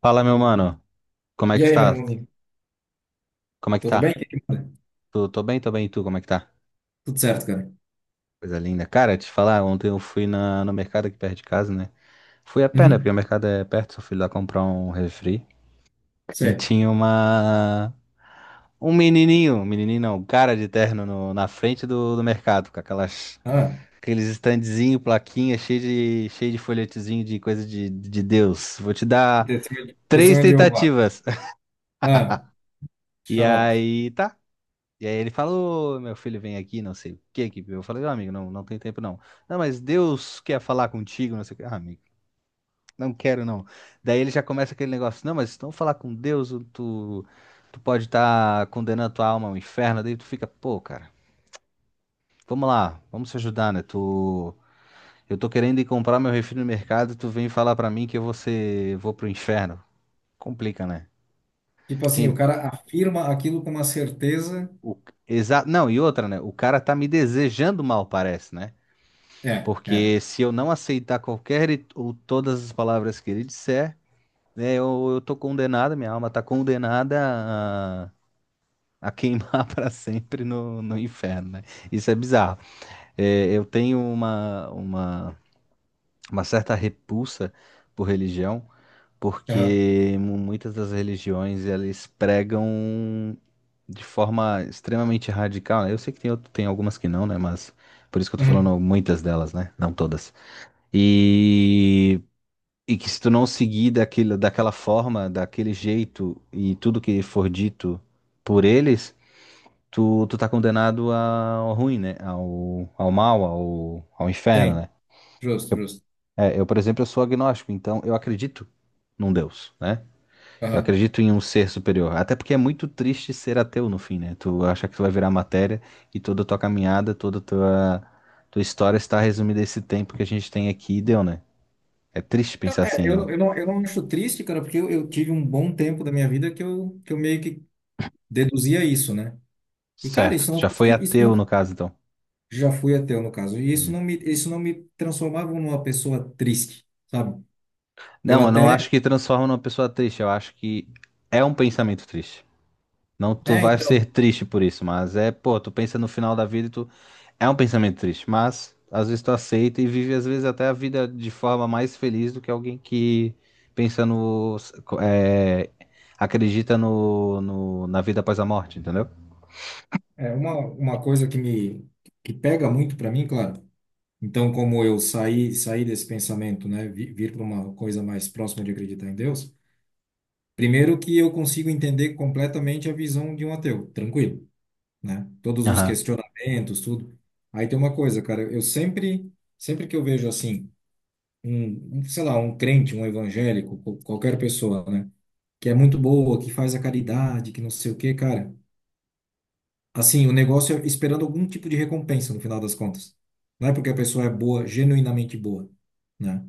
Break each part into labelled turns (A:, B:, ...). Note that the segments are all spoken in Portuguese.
A: Fala, meu mano. Como é que
B: E
A: tu
B: aí, meu
A: tá?
B: irmãozinho?
A: Como é que
B: Tudo bem?
A: tá?
B: O que que manda?
A: Tô bem, tô bem. E tu, como é que tá?
B: Tudo certo, cara.
A: Coisa linda. Cara, te falar, ontem eu fui no mercado aqui perto de casa, né? Fui a pé, né? Porque
B: Uhum.
A: o mercado é perto, só fui lá comprar um refri. E
B: Sei.
A: tinha uma... um menininho não, um cara de terno na frente do mercado, com aquelas...
B: Ah,
A: Aqueles standzinho, plaquinha, cheio de folhetezinho de coisa de Deus. Vou te
B: e
A: dar
B: testemunho de
A: três
B: testemunho de Jeová.
A: tentativas.
B: Ah,
A: E
B: xarope.
A: aí, tá. E aí ele falou, meu filho, vem aqui, não sei o que que. Eu falei, "Ó, amigo, não, não tem tempo não. Não, mas Deus quer falar contigo, não sei o que. Ah, amigo, não quero não. Daí ele já começa aquele negócio, não, mas se não falar com Deus, tu pode estar condenando tua alma ao inferno. Daí tu fica, pô, cara, vamos lá, vamos se ajudar, né? Tu, eu tô querendo ir comprar meu refri no mercado, tu vem falar pra mim que eu vou ser, vou pro inferno. Complica, né?
B: Tipo assim, o
A: Quem,
B: cara afirma aquilo com uma certeza.
A: o, não, e outra, né? O cara tá me desejando mal, parece, né?
B: É, é.
A: Porque se eu não aceitar qualquer ou todas as palavras que ele disser, né, eu tô condenado, minha alma tá condenada a, a queimar para sempre no inferno, né? Isso é bizarro. É, eu tenho uma certa repulsa por religião,
B: Aham.
A: porque muitas das religiões elas pregam de forma extremamente radical, né? Eu sei que tem, tem algumas que não, né? Mas por isso que eu tô
B: Uhum.
A: falando muitas delas, né? Não todas. E E que se tu não seguir daquilo, daquela forma, daquele jeito e tudo que for dito por eles, tu tá condenado ao ruim, né? Ao mal, ao inferno,
B: Tem.
A: né?
B: Justo, justo.
A: É, eu, por exemplo, eu sou agnóstico, então eu acredito num Deus, né? Eu
B: Aham.
A: acredito em um ser superior. Até porque é muito triste ser ateu no fim, né? Tu acha que tu vai virar matéria e toda a tua caminhada, toda a tua história está resumida a esse tempo que a gente tem aqui e deu, né? É triste
B: Então,
A: pensar
B: é,
A: assim,
B: eu,
A: ó.
B: não- eu não, eu não acho triste, cara, porque eu tive um bom tempo da minha vida que eu meio que deduzia isso, né? E, cara,
A: Certo.
B: isso
A: Tu
B: não
A: já foi
B: fazia, isso
A: ateu,
B: não,
A: no caso, então.
B: já fui ateu, no caso. E isso não
A: Hum.
B: me, isso não me transformava numa pessoa triste, sabe? Eu
A: Não, eu não acho
B: até,
A: que transforma numa pessoa triste. Eu acho que é um pensamento triste. Não, tu
B: é,
A: vai ser
B: então.
A: triste por isso, mas é, pô, tu pensa no final da vida e tu. É um pensamento triste, mas às vezes tu aceita e vive, às vezes, até a vida de forma mais feliz do que alguém que pensa no. É, acredita na vida após a morte, entendeu?
B: É uma coisa que pega muito para mim, claro. Então, como eu saí desse pensamento, né, vir para uma coisa mais próxima de acreditar em Deus, primeiro que eu consigo entender completamente a visão de um ateu, tranquilo, né? Todos os
A: Aham.
B: questionamentos, tudo. Aí tem uma coisa, cara, eu sempre que eu vejo assim sei lá, um crente, um evangélico, qualquer pessoa, né, que é muito boa, que faz a caridade, que não sei o quê, cara, assim, o negócio é esperando algum tipo de recompensa no final das contas. Não é porque a pessoa é boa, genuinamente boa, né?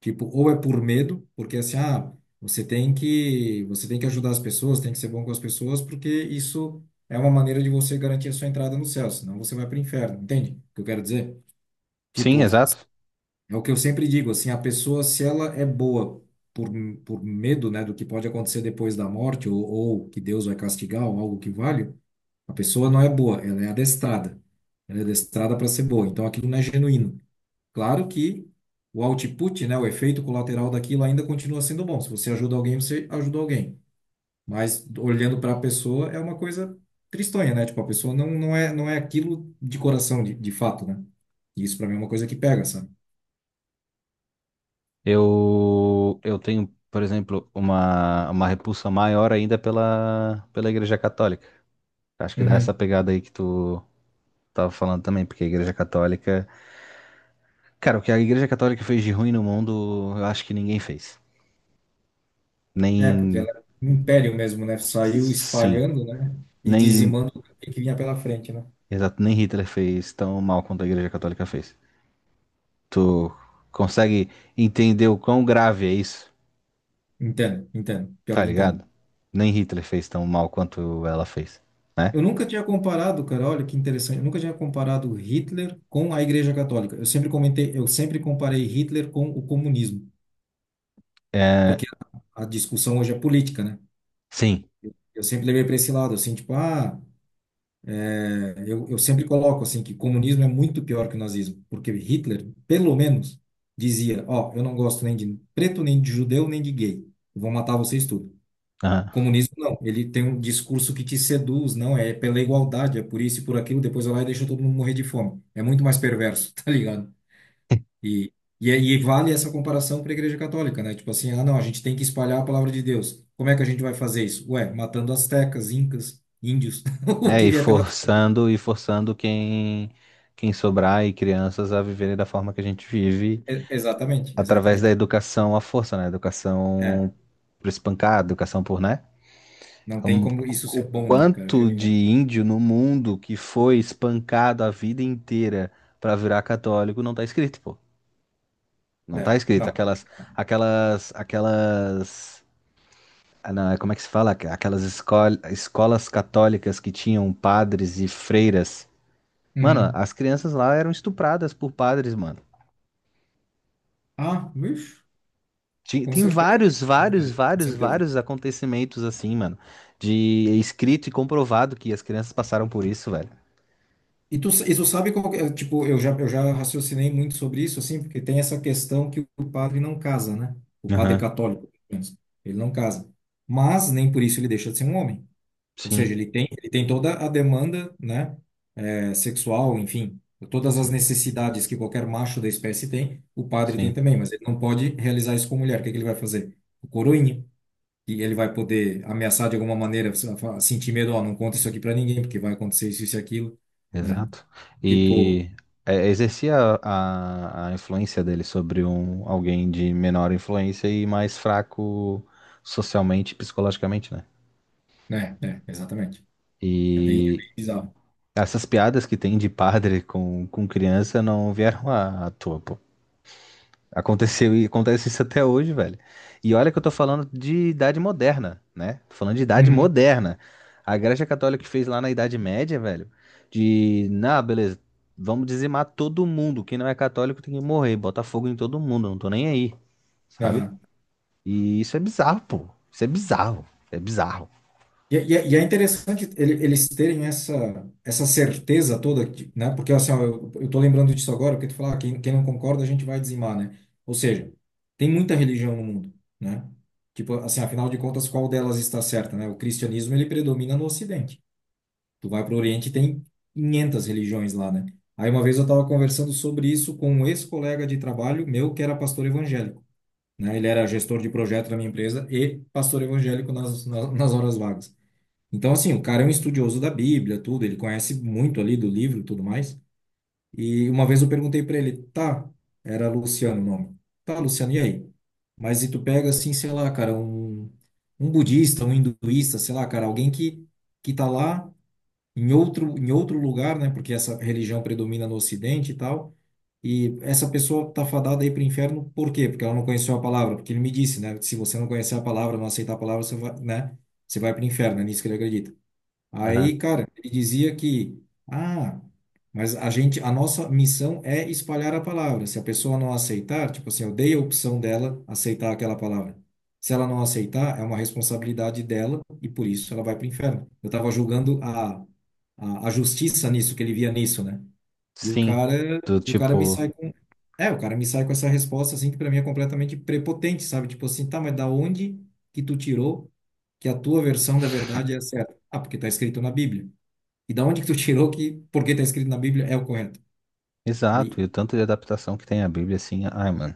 B: Tipo, ou é por medo, porque assim, ah, você tem que ajudar as pessoas, tem que ser bom com as pessoas, porque isso é uma maneira de você garantir a sua entrada no céu, senão você vai para o inferno, entende? O que eu quero dizer?
A: Sim,
B: Tipo,
A: exato.
B: é o que eu sempre digo, assim, a pessoa, se ela é boa por, por medo, né, do que pode acontecer depois da morte, ou que Deus vai castigar, ou algo que vale a pessoa não é boa, ela é adestrada. Ela é adestrada para ser boa. Então aquilo não é genuíno. Claro que o output, né, o efeito colateral daquilo ainda continua sendo bom. Se você ajuda alguém, você ajuda alguém. Mas olhando para a pessoa é uma coisa tristonha, né? Tipo, a pessoa não é aquilo de coração, de fato, né? E isso para mim é uma coisa que pega, sabe?
A: Eu tenho, por exemplo, uma repulsa maior ainda pela Igreja Católica. Acho que dá
B: Uhum.
A: essa pegada aí que tu tava falando também, porque a Igreja Católica. Cara, o que a Igreja Católica fez de ruim no mundo, eu acho que ninguém fez.
B: É, porque ela
A: Nem.
B: é um império mesmo, né? Saiu
A: Sim.
B: espalhando, né? E
A: Nem.
B: dizimando o que vinha pela frente, né?
A: Exato, nem Hitler fez tão mal quanto a Igreja Católica fez. Tu consegue entender o quão grave é isso?
B: Entendo, entendo.
A: Tá
B: Pior que
A: ligado?
B: entendo.
A: Nem Hitler fez tão mal quanto ela fez, né?
B: Eu nunca tinha comparado, cara, olha que interessante. Eu nunca tinha comparado Hitler com a Igreja Católica. Eu sempre comentei, eu sempre comparei Hitler com o comunismo,
A: É,
B: porque a discussão hoje é política, né?
A: sim.
B: Eu sempre levei para esse lado, assim, tipo, ah, é, eu sempre coloco assim que comunismo é muito pior que o nazismo, porque Hitler, pelo menos, dizia, ó, eu não gosto nem de preto, nem de judeu, nem de gay. Eu vou matar vocês tudo.
A: Aham.
B: Comunismo não, ele tem um discurso que te seduz, não, é pela igualdade, é por isso e por aquilo, depois vai lá e deixa todo mundo morrer de fome. É muito mais perverso, tá ligado? E, e vale essa comparação para a Igreja Católica, né? Tipo assim, ah, não, a gente tem que espalhar a palavra de Deus. Como é que a gente vai fazer isso? Ué, matando astecas, incas, índios, o
A: É,
B: que vier pela.
A: e forçando quem sobrar e crianças a viverem da forma que a gente vive
B: É, exatamente,
A: através da
B: exatamente.
A: educação à força, né? Educação
B: É,
A: por espancar, educação por, né?
B: não tem
A: Um-
B: como isso
A: o
B: ser bom, né, cara,
A: quanto de
B: genuinamente.
A: índio no mundo que foi espancado a vida inteira para virar católico não tá escrito, pô. Não tá
B: É,
A: escrito.
B: não.
A: Aquelas não, é como é que se fala? Aquelas escolas católicas que tinham padres e freiras. Mano,
B: Uhum.
A: as crianças lá eram estupradas por padres, mano.
B: Ah, bicho, com
A: Tem
B: certeza, cara,
A: vários,
B: com
A: vários,
B: certeza, com
A: vários,
B: certeza.
A: vários acontecimentos assim, mano. De é escrito e comprovado que as crianças passaram por isso, velho.
B: E tu sabe qual que é, tipo, eu já raciocinei muito sobre isso, assim, porque tem essa questão que o padre não casa, né? O padre
A: Aham.
B: católico, pelo menos, ele não casa. Mas nem por isso ele deixa de ser um homem. Ou
A: Sim,
B: seja, ele tem toda a demanda, né, é, sexual, enfim, todas as
A: sim,
B: necessidades que qualquer macho da espécie tem, o padre tem
A: sim,
B: também, mas ele não pode realizar isso com mulher. O que é que ele vai fazer? O coroinha, e ele vai poder ameaçar de alguma maneira, sentir medo, ó, não conta isso aqui para ninguém, porque vai acontecer isso e aquilo, né?
A: exato.
B: Tipo,
A: E exercia a influência dele sobre um, alguém de menor influência e mais fraco socialmente e psicologicamente, né?
B: né, exatamente. É bem
A: E
B: bizarro.
A: essas piadas que tem de padre com criança não vieram à toa, pô. Aconteceu e acontece isso até hoje, velho. E olha que eu tô falando de idade moderna, né? Tô falando de idade
B: Uhum.
A: moderna. A Igreja Católica que fez lá na Idade Média, velho, beleza, vamos dizimar todo mundo. Quem não é católico tem que morrer, bota fogo em todo mundo, não tô nem aí, sabe?
B: Aham.
A: E isso é bizarro, pô. Isso é bizarro. É bizarro.
B: E é interessante eles terem essa, essa certeza toda, de- né? Porque assim, ó, eu tô lembrando disso agora, porque tu fala, ah, quem não concorda, a gente vai dizimar, né? Ou seja, tem muita religião no mundo, né? Tipo, assim, afinal de contas, qual delas está certa, né? O cristianismo, ele predomina no Ocidente. Tu vai para o Oriente, tem 500 religiões lá, né? Aí uma vez eu estava conversando sobre isso com um ex-colega de trabalho meu, que era pastor evangélico. Né? Ele era gestor de projeto da minha empresa e pastor evangélico nas horas vagas. Então, assim, o cara é um estudioso da Bíblia, tudo, ele conhece muito ali do livro e tudo mais. E uma vez eu perguntei para ele, tá, era Luciano o nome. Tá, Luciano, e aí? Mas e tu pega, assim, sei lá, cara, um budista, um hinduísta, sei lá, cara, alguém que tá lá em outro lugar, né? Porque essa religião predomina no Ocidente e tal e essa pessoa tá fadada aí para o inferno, por quê? Porque ela não conheceu a palavra, porque ele me disse, né? Se você não conhecer a palavra, não aceitar a palavra, você vai, né? Você vai para o inferno, é nisso que ele acredita.
A: Aham.
B: Aí, cara, ele dizia que, ah, mas a gente, a nossa missão é espalhar a palavra. Se a pessoa não aceitar, tipo assim, eu dei a opção dela aceitar aquela palavra. Se ela não aceitar, é uma responsabilidade dela e por isso ela vai para o inferno. Eu estava julgando a justiça nisso, que ele via nisso, né? E o
A: Sim,
B: cara,
A: do
B: e o cara me
A: tipo,
B: sai com. É, o cara me sai com essa resposta, assim, que pra mim é completamente prepotente, sabe? Tipo assim, tá, mas da onde que tu tirou que a tua versão da verdade é a certa? Ah, porque tá escrito na Bíblia. E da onde que tu tirou que porque tá escrito na Bíblia é o correto?
A: exato,
B: Aí
A: e o tanto de adaptação que tem a Bíblia, assim, ai, mano.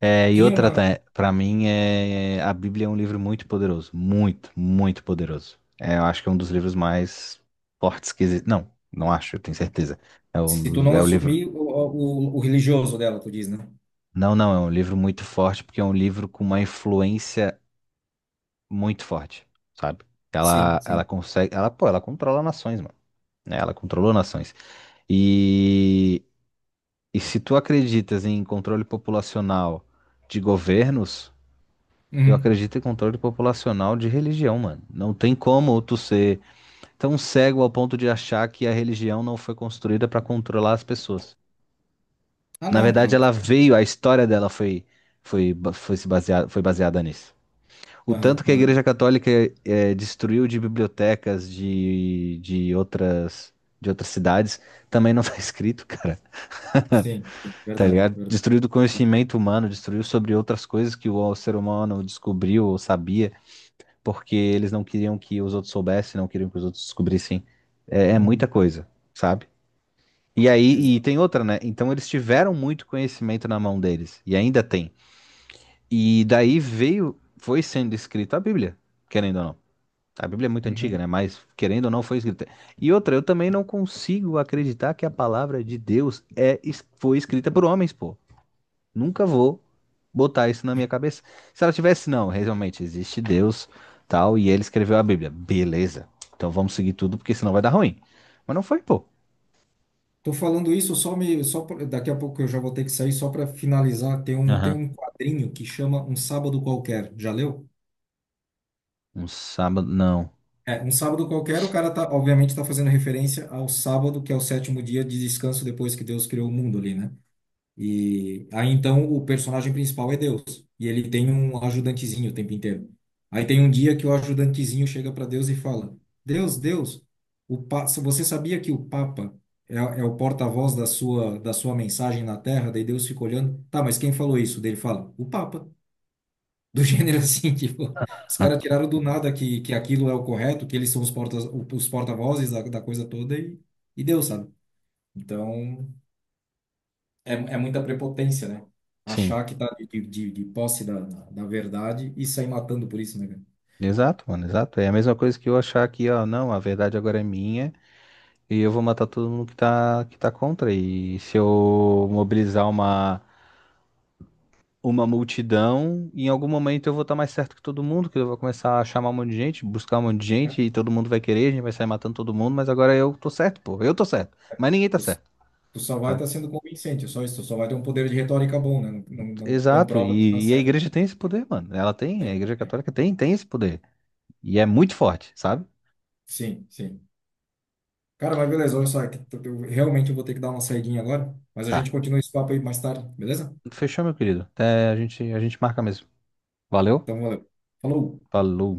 A: É, e
B: tinha
A: outra,
B: uma.
A: para mim, a Bíblia é um livro muito poderoso. Muito, muito poderoso. É, eu acho que é um dos livros mais fortes que existe. Não, não acho, eu tenho certeza. É
B: Se tu
A: o,
B: não
A: é o livro.
B: assumir o religioso dela, tu diz, né?
A: Não, não, é um livro muito forte, porque é um livro com uma influência muito forte, sabe? Ela,
B: Sim,
A: ela
B: sim.
A: consegue. Ela, pô, ela controla nações, mano. Né? Ela controlou nações. E, e se tu acreditas em controle populacional de governos. Eu
B: Uhum.
A: acredito em controle populacional de religião, mano. Não tem como tu ser tão cego ao ponto de achar que a religião não foi construída para controlar as pessoas.
B: Ah,
A: Na
B: não,
A: verdade,
B: claro.
A: ela veio, a história dela foi, foi, ba- foi, se baseada, foi baseada nisso. O
B: Aham,
A: tanto que a
B: aham.
A: Igreja Católica destruiu de bibliotecas de outras cidades também não tá escrito, cara.
B: Sim, sim,
A: Tá
B: verdade,
A: ligado?
B: verdade.
A: Destruiu do conhecimento humano, destruiu sobre outras coisas que o ser humano descobriu ou sabia. Porque eles não queriam que os outros soubessem, não queriam que os outros descobrissem. É, é muita
B: Uhum.
A: coisa, sabe? E aí, e
B: Exato.
A: tem outra, né? Então eles tiveram muito conhecimento na mão deles, e ainda tem. E daí veio, foi sendo escrita a Bíblia, querendo ou não. A Bíblia é muito antiga,
B: Uhum.
A: né? Mas querendo ou não foi escrita. E outra, eu também não consigo acreditar que a palavra de Deus é, foi escrita por homens, pô. Nunca vou botar isso na minha cabeça. Se ela tivesse, não, realmente existe Deus, tal, e ele escreveu a Bíblia. Beleza. Então vamos seguir tudo, porque senão vai dar ruim. Mas não foi, pô.
B: Tô falando isso só me só pra- daqui a pouco eu já vou ter que sair só para finalizar. Tem
A: Aham.
B: um quadrinho que chama Um Sábado Qualquer. Já leu?
A: Um sábado, não.
B: É, Um Sábado Qualquer, o cara obviamente tá fazendo referência ao sábado, que é o sétimo dia de descanso depois que Deus criou o mundo ali, né? E aí então o personagem principal é Deus, e ele tem um ajudantezinho o tempo inteiro. Aí tem um dia que o ajudantezinho chega para Deus e fala: Deus, Deus, você sabia que o Papa é o porta-voz da sua mensagem na Terra? Daí Deus fica olhando: tá, mas quem falou isso? Daí ele fala: o Papa. Do gênero assim, tipo, os caras tiraram do nada que, que aquilo é o correto, que eles são os porta-vozes da coisa toda e Deus, sabe? Então é, é muita prepotência, né?
A: Sim.
B: Achar que tá de posse da verdade e sair matando por isso, né,
A: Exato, mano, exato. É a mesma coisa que eu achar que, ó, não, a verdade agora é minha e eu vou matar todo mundo que tá contra. E se eu mobilizar uma multidão, e em algum momento eu vou estar mais certo que todo mundo, que eu vou começar a chamar um monte de gente, buscar um monte de
B: cara?
A: gente,
B: É.
A: e todo mundo vai querer, a gente vai sair matando todo mundo, mas agora eu tô certo, pô, eu tô certo, mas ninguém tá
B: Tu,
A: certo,
B: tu só vai
A: sabe?
B: estar sendo convincente, é só isso. Tu só vai ter um poder de retórica bom, né? Não
A: Exato,
B: comprova que tu tá
A: e a
B: certo.
A: igreja tem esse poder, mano, ela
B: É,
A: tem, a igreja
B: é.
A: católica tem esse poder, e é muito forte, sabe?
B: Sim, sim. Cara, mas beleza, olha só, é que tu- eu realmente vou ter que dar uma saidinha agora, mas a
A: Tá,
B: gente continua esse papo aí mais tarde, beleza?
A: fechou, meu querido, até a gente marca mesmo, valeu?
B: Então, valeu. Falou!
A: Falou.